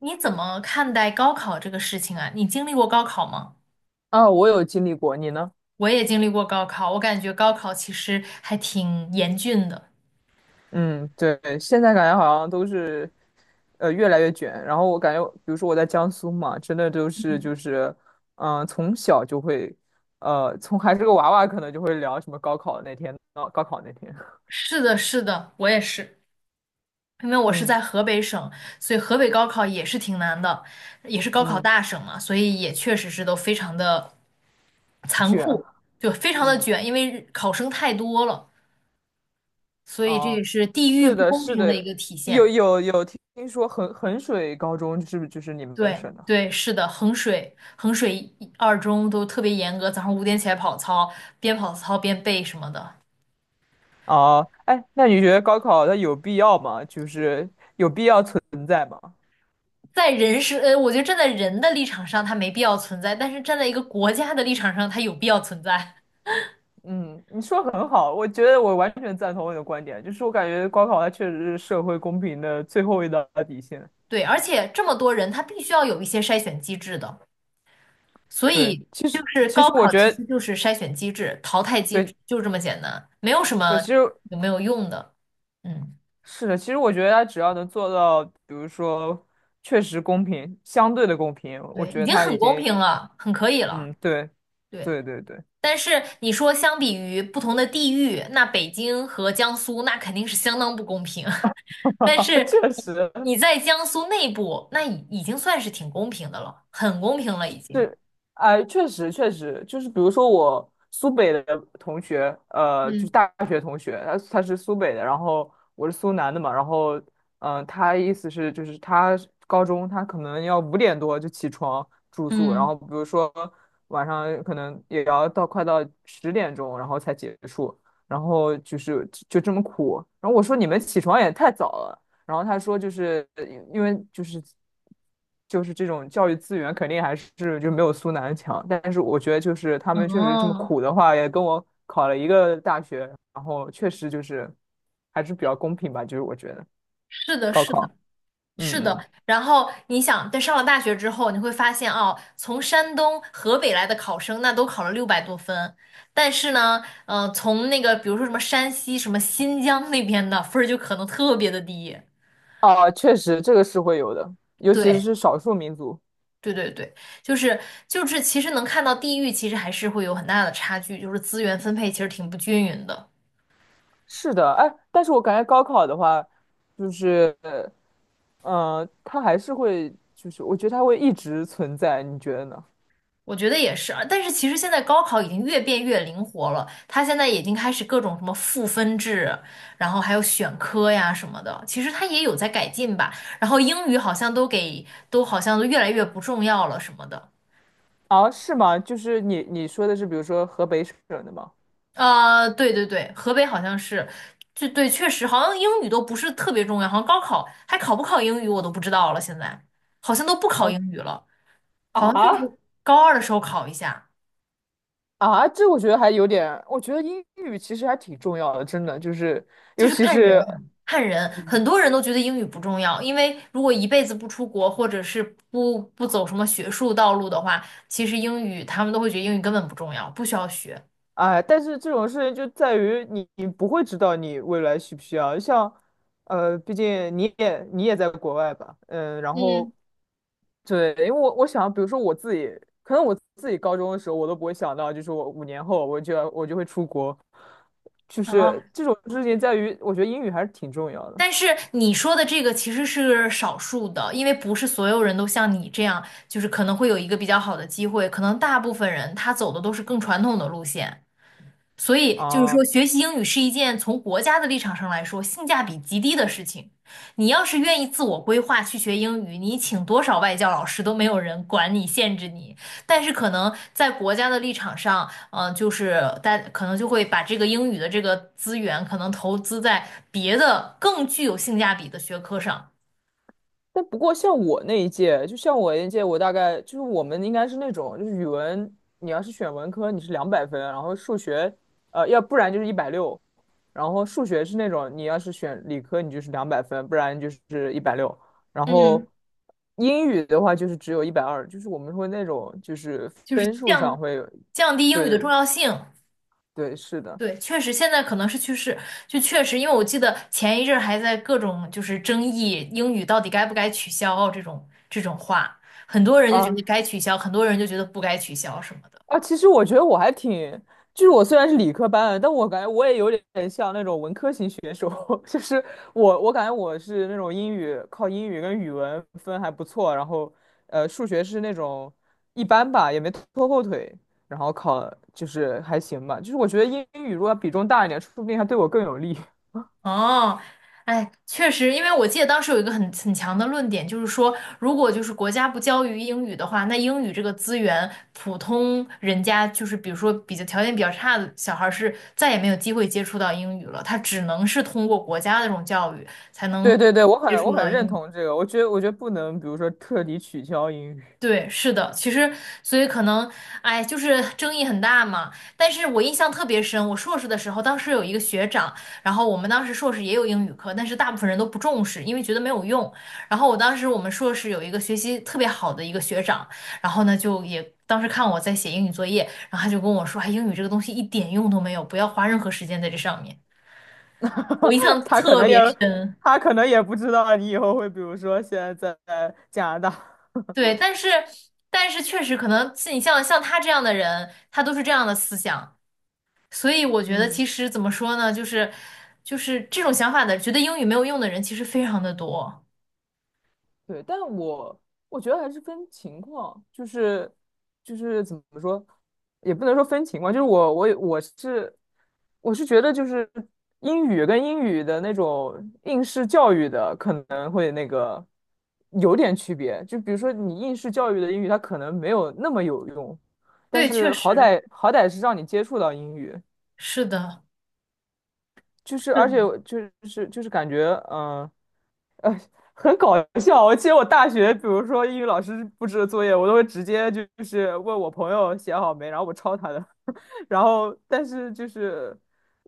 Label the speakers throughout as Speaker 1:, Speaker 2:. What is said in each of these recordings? Speaker 1: 你怎么看待高考这个事情啊？你经历过高考吗？
Speaker 2: 啊，我有经历过，你呢？
Speaker 1: 我也经历过高考，我感觉高考其实还挺严峻的。
Speaker 2: 嗯，对，现在感觉好像都是，越来越卷。然后我感觉，比如说我在江苏嘛，真的都是就是，从小就会，从还是个娃娃，可能就会聊什么高考那天，
Speaker 1: 是的，是的，我也是，因为 我是
Speaker 2: 嗯
Speaker 1: 在河北省，所以河北高考也是挺难的，也是高考
Speaker 2: 嗯，
Speaker 1: 大省嘛，所以也确实是都非常的残
Speaker 2: 卷，
Speaker 1: 酷，就非常的
Speaker 2: 嗯，
Speaker 1: 卷，因为考生太多了，所以这也
Speaker 2: 哦，
Speaker 1: 是地域
Speaker 2: 是
Speaker 1: 不
Speaker 2: 的，
Speaker 1: 公
Speaker 2: 是
Speaker 1: 平的一
Speaker 2: 的，
Speaker 1: 个体
Speaker 2: 有
Speaker 1: 现。
Speaker 2: 有有听说衡水高中是不是就是你们
Speaker 1: 对
Speaker 2: 省的？
Speaker 1: 对，是的，衡水、衡水一二中都特别严格，早上五点起来跑操，边跑操边背什么的。
Speaker 2: 哦，哎，那你觉得高考它有必要吗？就是有必要存在吗？
Speaker 1: 在人是，我觉得站在人的立场上，它没必要存在；但是站在一个国家的立场上，它有必要存在。
Speaker 2: 嗯，你说得很好，我觉得我完全赞同你的观点，就是我感觉高考它确实是社会公平的最后一道底线。
Speaker 1: 对，而且这么多人，他必须要有一些筛选机制的，所
Speaker 2: 对，
Speaker 1: 以
Speaker 2: 其
Speaker 1: 就
Speaker 2: 实
Speaker 1: 是
Speaker 2: 其实
Speaker 1: 高
Speaker 2: 我
Speaker 1: 考
Speaker 2: 觉
Speaker 1: 其实
Speaker 2: 得，
Speaker 1: 就是筛选机制、淘汰机制，
Speaker 2: 对
Speaker 1: 就这么简单，没有什么
Speaker 2: 对，其实
Speaker 1: 有没有用的。嗯，
Speaker 2: 是的，其实我觉得它只要能做到，比如说确实公平，相对的公平，我
Speaker 1: 对，
Speaker 2: 觉
Speaker 1: 已
Speaker 2: 得
Speaker 1: 经
Speaker 2: 它
Speaker 1: 很
Speaker 2: 已
Speaker 1: 公
Speaker 2: 经，
Speaker 1: 平了，很可以了。
Speaker 2: 嗯，对，
Speaker 1: 对。
Speaker 2: 对对对，
Speaker 1: 但是你说相比于不同的地域，那北京和江苏那肯定是相当不公平。但是
Speaker 2: 确
Speaker 1: 你
Speaker 2: 实，
Speaker 1: 你在江苏内部，那已经算是挺公平的了，很公平了已经。
Speaker 2: 是，哎，确实确实，就是比如说我苏北的同学，就是
Speaker 1: 嗯，
Speaker 2: 大学同学，他是苏北的，然后我是苏南的嘛，然后，他意思是就是他是高中他可能要5点多就起床住宿，然
Speaker 1: 嗯，
Speaker 2: 后比如说晚上可能也要到快到10点钟，然后才结束，然后就是就这么苦，然后我说你们起床也太早了，然后他说，就是因为就是这种教育资源肯定还是就没有苏南强，但是我觉得就是他们确实这么
Speaker 1: 哦，
Speaker 2: 苦的话，也跟我考了一个大学，然后确实就是还是比较公平吧，就是我觉得
Speaker 1: 是的，
Speaker 2: 高
Speaker 1: 是的，
Speaker 2: 考，嗯
Speaker 1: 是的。
Speaker 2: 嗯，
Speaker 1: 然后你想，在上了大学之后，你会发现哦，从山东、河北来的考生，那都考了六百多分，但是呢，从那个比如说什么山西、什么新疆那边的分儿就可能特别的低。
Speaker 2: 啊，确实这个是会有的，尤其
Speaker 1: 对，
Speaker 2: 是少数民族，
Speaker 1: 对对对，就是就是其实能看到地域其实还是会有很大的差距，就是资源分配其实挺不均匀的。
Speaker 2: 是的，哎，但是我感觉高考的话，就是它还是会就是我觉得它会一直存在，你觉得呢？
Speaker 1: 我觉得也是，但是其实现在高考已经越变越灵活了，它现在已经开始各种什么赋分制，然后还有选科呀什么的，其实它也有在改进吧。然后英语好像都给都好像都越来越不重要了什么的。
Speaker 2: 啊，是吗？就是你说的是，比如说河北省的吗？
Speaker 1: 对，河北好像是，就对，确实好像英语都不是特别重要，好像高考还考不考英语我都不知道了，现在好像都不考英
Speaker 2: 哦，
Speaker 1: 语了，好像就
Speaker 2: 啊，
Speaker 1: 是高二的时候考一下，
Speaker 2: 啊，这我觉得还有点，我觉得英语其实还挺重要的，真的，就是
Speaker 1: 就
Speaker 2: 尤
Speaker 1: 是
Speaker 2: 其
Speaker 1: 看人
Speaker 2: 是，
Speaker 1: 看人，很
Speaker 2: 嗯，
Speaker 1: 多人都觉得英语不重要，因为如果一辈子不出国或者是不走什么学术道路的话，其实英语他们都会觉得英语根本不重要，不需要学。
Speaker 2: 哎，但是这种事情就在于你不会知道你未来需不需要，像，毕竟你也在国外吧，嗯，然后。
Speaker 1: 嗯，
Speaker 2: 对，因为我想，比如说我自己，可能我自己高中的时候，我都不会想到，就是我5年后我就会出国，就
Speaker 1: 然后
Speaker 2: 是这种事情在于，我觉得英语还是挺重要的
Speaker 1: 但是你说的这个其实是少数的，因为不是所有人都像你这样，就是可能会有一个比较好的机会，可能大部分人他走的都是更传统的路线。所以就是
Speaker 2: 啊。
Speaker 1: 说，学习英语是一件从国家的立场上来说性价比极低的事情。你要是愿意自我规划去学英语，你请多少外教老师都没有人管你、限制你。但是可能在国家的立场上，就是大可能就会把这个英语的这个资源可能投资在别的更具有性价比的学科上，
Speaker 2: 但不过像我那一届，就像我那一届，我大概就是我们应该是那种，就是语文你要是选文科，你是两百分，然后数学，要不然就是一百六，然后数学是那种你要是选理科，你就是两百分，不然就是一百六，然
Speaker 1: 嗯。
Speaker 2: 后英语的话就是只有120，就是我们会那种就是
Speaker 1: 就
Speaker 2: 分
Speaker 1: 是
Speaker 2: 数上
Speaker 1: 降
Speaker 2: 会有，
Speaker 1: 降低英
Speaker 2: 对
Speaker 1: 语的
Speaker 2: 对
Speaker 1: 重要性。
Speaker 2: 对，是的，
Speaker 1: 对，确实现在可能是趋势，就确实，因为我记得前一阵儿还在各种就是争议英语到底该不该取消这种话，很多人就觉
Speaker 2: 啊，
Speaker 1: 得该取消，很多人就觉得不该取消什么的。
Speaker 2: 啊，其实我觉得我还挺，就是我虽然是理科班的但我感觉我也有点像那种文科型选手，就是我感觉我是那种靠英语跟语文分还不错，然后数学是那种一般吧，也没拖后腿，然后考就是还行吧，就是我觉得英语如果比重大一点，说不定还对我更有利。
Speaker 1: 哦，哎，确实，因为我记得当时有一个很强的论点，就是说，如果就是国家不教育英语的话，那英语这个资源，普通人家就是比如说比较条件比较差的小孩儿是再也没有机会接触到英语了，他只能是通过国家的这种教育才能
Speaker 2: 对对对，我很
Speaker 1: 接
Speaker 2: 我
Speaker 1: 触
Speaker 2: 很
Speaker 1: 到
Speaker 2: 认
Speaker 1: 英语。
Speaker 2: 同这个，我觉得不能比如说彻底取消英语。
Speaker 1: 对，是的，其实所以可能，哎，就是争议很大嘛。但是我印象特别深，我硕士的时候，当时有一个学长，然后我们当时硕士也有英语课，但是大部分人都不重视，因为觉得没有用。然后我当时我们硕士有一个学习特别好的一个学长，然后呢就也当时看我在写英语作业，然后他就跟我说，哎，英语这个东西一点用都没有，不要花任何时间在这上面。我印 象
Speaker 2: 他可
Speaker 1: 特
Speaker 2: 能也
Speaker 1: 别深。
Speaker 2: 他可能也不知道你以后会，比如说现在在加拿大，
Speaker 1: 对，但是但是确实可能是你像他这样的人，他都是这样的思想。所以我觉得
Speaker 2: 嗯，
Speaker 1: 其实怎么说呢，就是就是这种想法的，觉得英语没有用的人其实非常的多。
Speaker 2: 对，但我觉得还是分情况，就是就是怎么说，也不能说分情况，就是我是觉得就是英语跟英语的那种应试教育的可能会那个有点区别，就比如说你应试教育的英语它可能没有那么有用，但
Speaker 1: 对，确
Speaker 2: 是好
Speaker 1: 实
Speaker 2: 歹好歹是让你接触到英语，
Speaker 1: 是的，
Speaker 2: 就是
Speaker 1: 是
Speaker 2: 而且
Speaker 1: 的。
Speaker 2: 就是就是感觉很搞笑。我记得我大学，比如说英语老师布置的作业，我都会直接就是问我朋友写好没，然后我抄他的。然后但是就是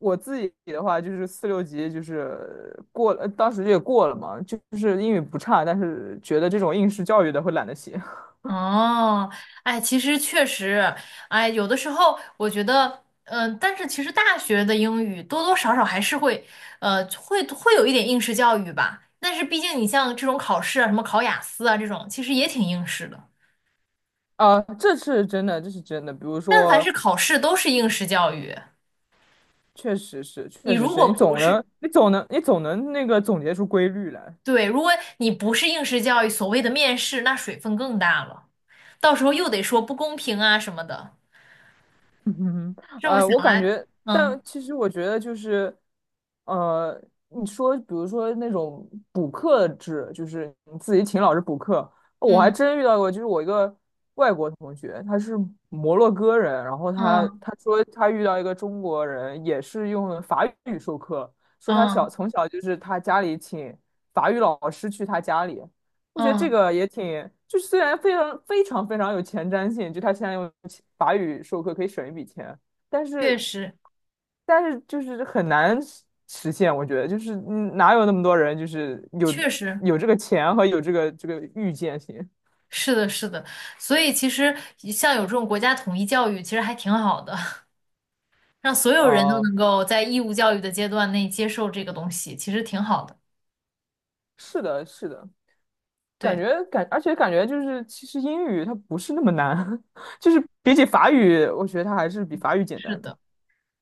Speaker 2: 我自己的话，就是四六级就是过了，当时也过了嘛，就是英语不差，但是觉得这种应试教育的会懒得写。
Speaker 1: 哦，哎，其实确实，哎，有的时候我觉得，但是其实大学的英语多多少少还是会，会有一点应试教育吧。但是毕竟你像这种考试啊，什么考雅思啊这种，其实也挺应试的。
Speaker 2: 啊，这是真的，这是真的。比如
Speaker 1: 但凡是
Speaker 2: 说，
Speaker 1: 考试，都是应试教育。
Speaker 2: 确实是，
Speaker 1: 你
Speaker 2: 确实
Speaker 1: 如
Speaker 2: 是
Speaker 1: 果不是，
Speaker 2: 你总能那个总结出规律来。
Speaker 1: 对，如果你不是应试教育，所谓的面试，那水分更大了，到时候又得说不公平啊什么的。
Speaker 2: 嗯哼，嗯，
Speaker 1: 这么想
Speaker 2: 我感
Speaker 1: 来，
Speaker 2: 觉，但
Speaker 1: 嗯
Speaker 2: 其实我觉得就是，呃，你说，比如说那种补课制，就是你自己请老师补课，我还
Speaker 1: 嗯
Speaker 2: 真遇到过，就是我一个外国同学，他是摩洛哥人，然后他
Speaker 1: 嗯
Speaker 2: 他说他遇到一个中国人，也是用法语授课，说他小
Speaker 1: 嗯
Speaker 2: 从小就是他家里请法语老师去他家里，我觉得这
Speaker 1: 嗯，
Speaker 2: 个也挺，就是虽然非常非常非常有前瞻性，就他现在用其法语授课可以省一笔钱，但
Speaker 1: 确
Speaker 2: 是
Speaker 1: 实
Speaker 2: 但是就是很难实现，我觉得就是嗯哪有那么多人就是有
Speaker 1: 确实
Speaker 2: 有这个钱和有这个预见性
Speaker 1: 是的，是的。所以其实像有这种国家统一教育，其实还挺好的，让所有人都
Speaker 2: 啊，
Speaker 1: 能够在义务教育的阶段内接受这个东西，其实挺好的。
Speaker 2: 是的，是的，感
Speaker 1: 对，
Speaker 2: 觉感而且感觉就是其实英语它不是那么难，就是比起法语，我觉得它还是比法语简
Speaker 1: 是
Speaker 2: 单的。
Speaker 1: 的。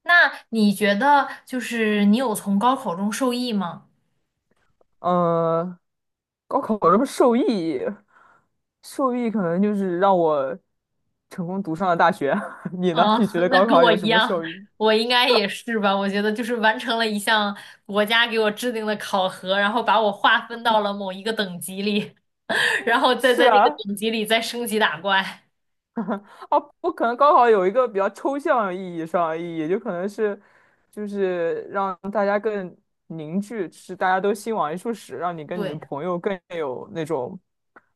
Speaker 1: 那你觉得就是你有从高考中受益吗？
Speaker 2: 呃，高考什么受益？受益可能就是让我成功读上了大学。你呢？
Speaker 1: 哦，
Speaker 2: 你觉得
Speaker 1: 那
Speaker 2: 高
Speaker 1: 跟
Speaker 2: 考
Speaker 1: 我
Speaker 2: 有
Speaker 1: 一
Speaker 2: 什么
Speaker 1: 样，
Speaker 2: 受益？
Speaker 1: 我应该也是吧。我觉得就是完成了一项国家给我制定的考核，然后把我划分到了某一个等级里，然后再
Speaker 2: 是
Speaker 1: 在那个
Speaker 2: 啊，
Speaker 1: 等级里再升级打怪。
Speaker 2: 哦，不可能，高考有一个比较抽象意义上的意义，就可能是就是让大家更凝聚，是大家都心往一处使，让你跟你的
Speaker 1: 对，
Speaker 2: 朋友更有那种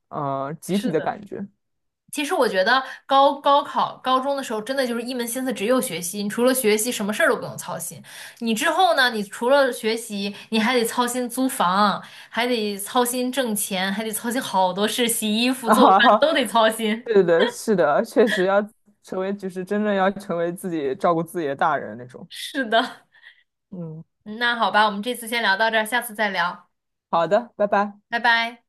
Speaker 2: 集体
Speaker 1: 是
Speaker 2: 的
Speaker 1: 的。
Speaker 2: 感觉。
Speaker 1: 其实我觉得高中的时候，真的就是一门心思只有学习，你除了学习什么事儿都不用操心。你之后呢，你除了学习，你还得操心租房，还得操心挣钱，还得操心好多事，洗衣 服、做饭
Speaker 2: 啊，
Speaker 1: 都得操心。
Speaker 2: 对对对，是的，确实要成为就是真正要成为自己照顾自己的大人那种。
Speaker 1: 是的。
Speaker 2: 嗯，
Speaker 1: 嗯那好吧，我们这次先聊到这儿，下次再聊，
Speaker 2: 好的，拜拜。
Speaker 1: 拜拜。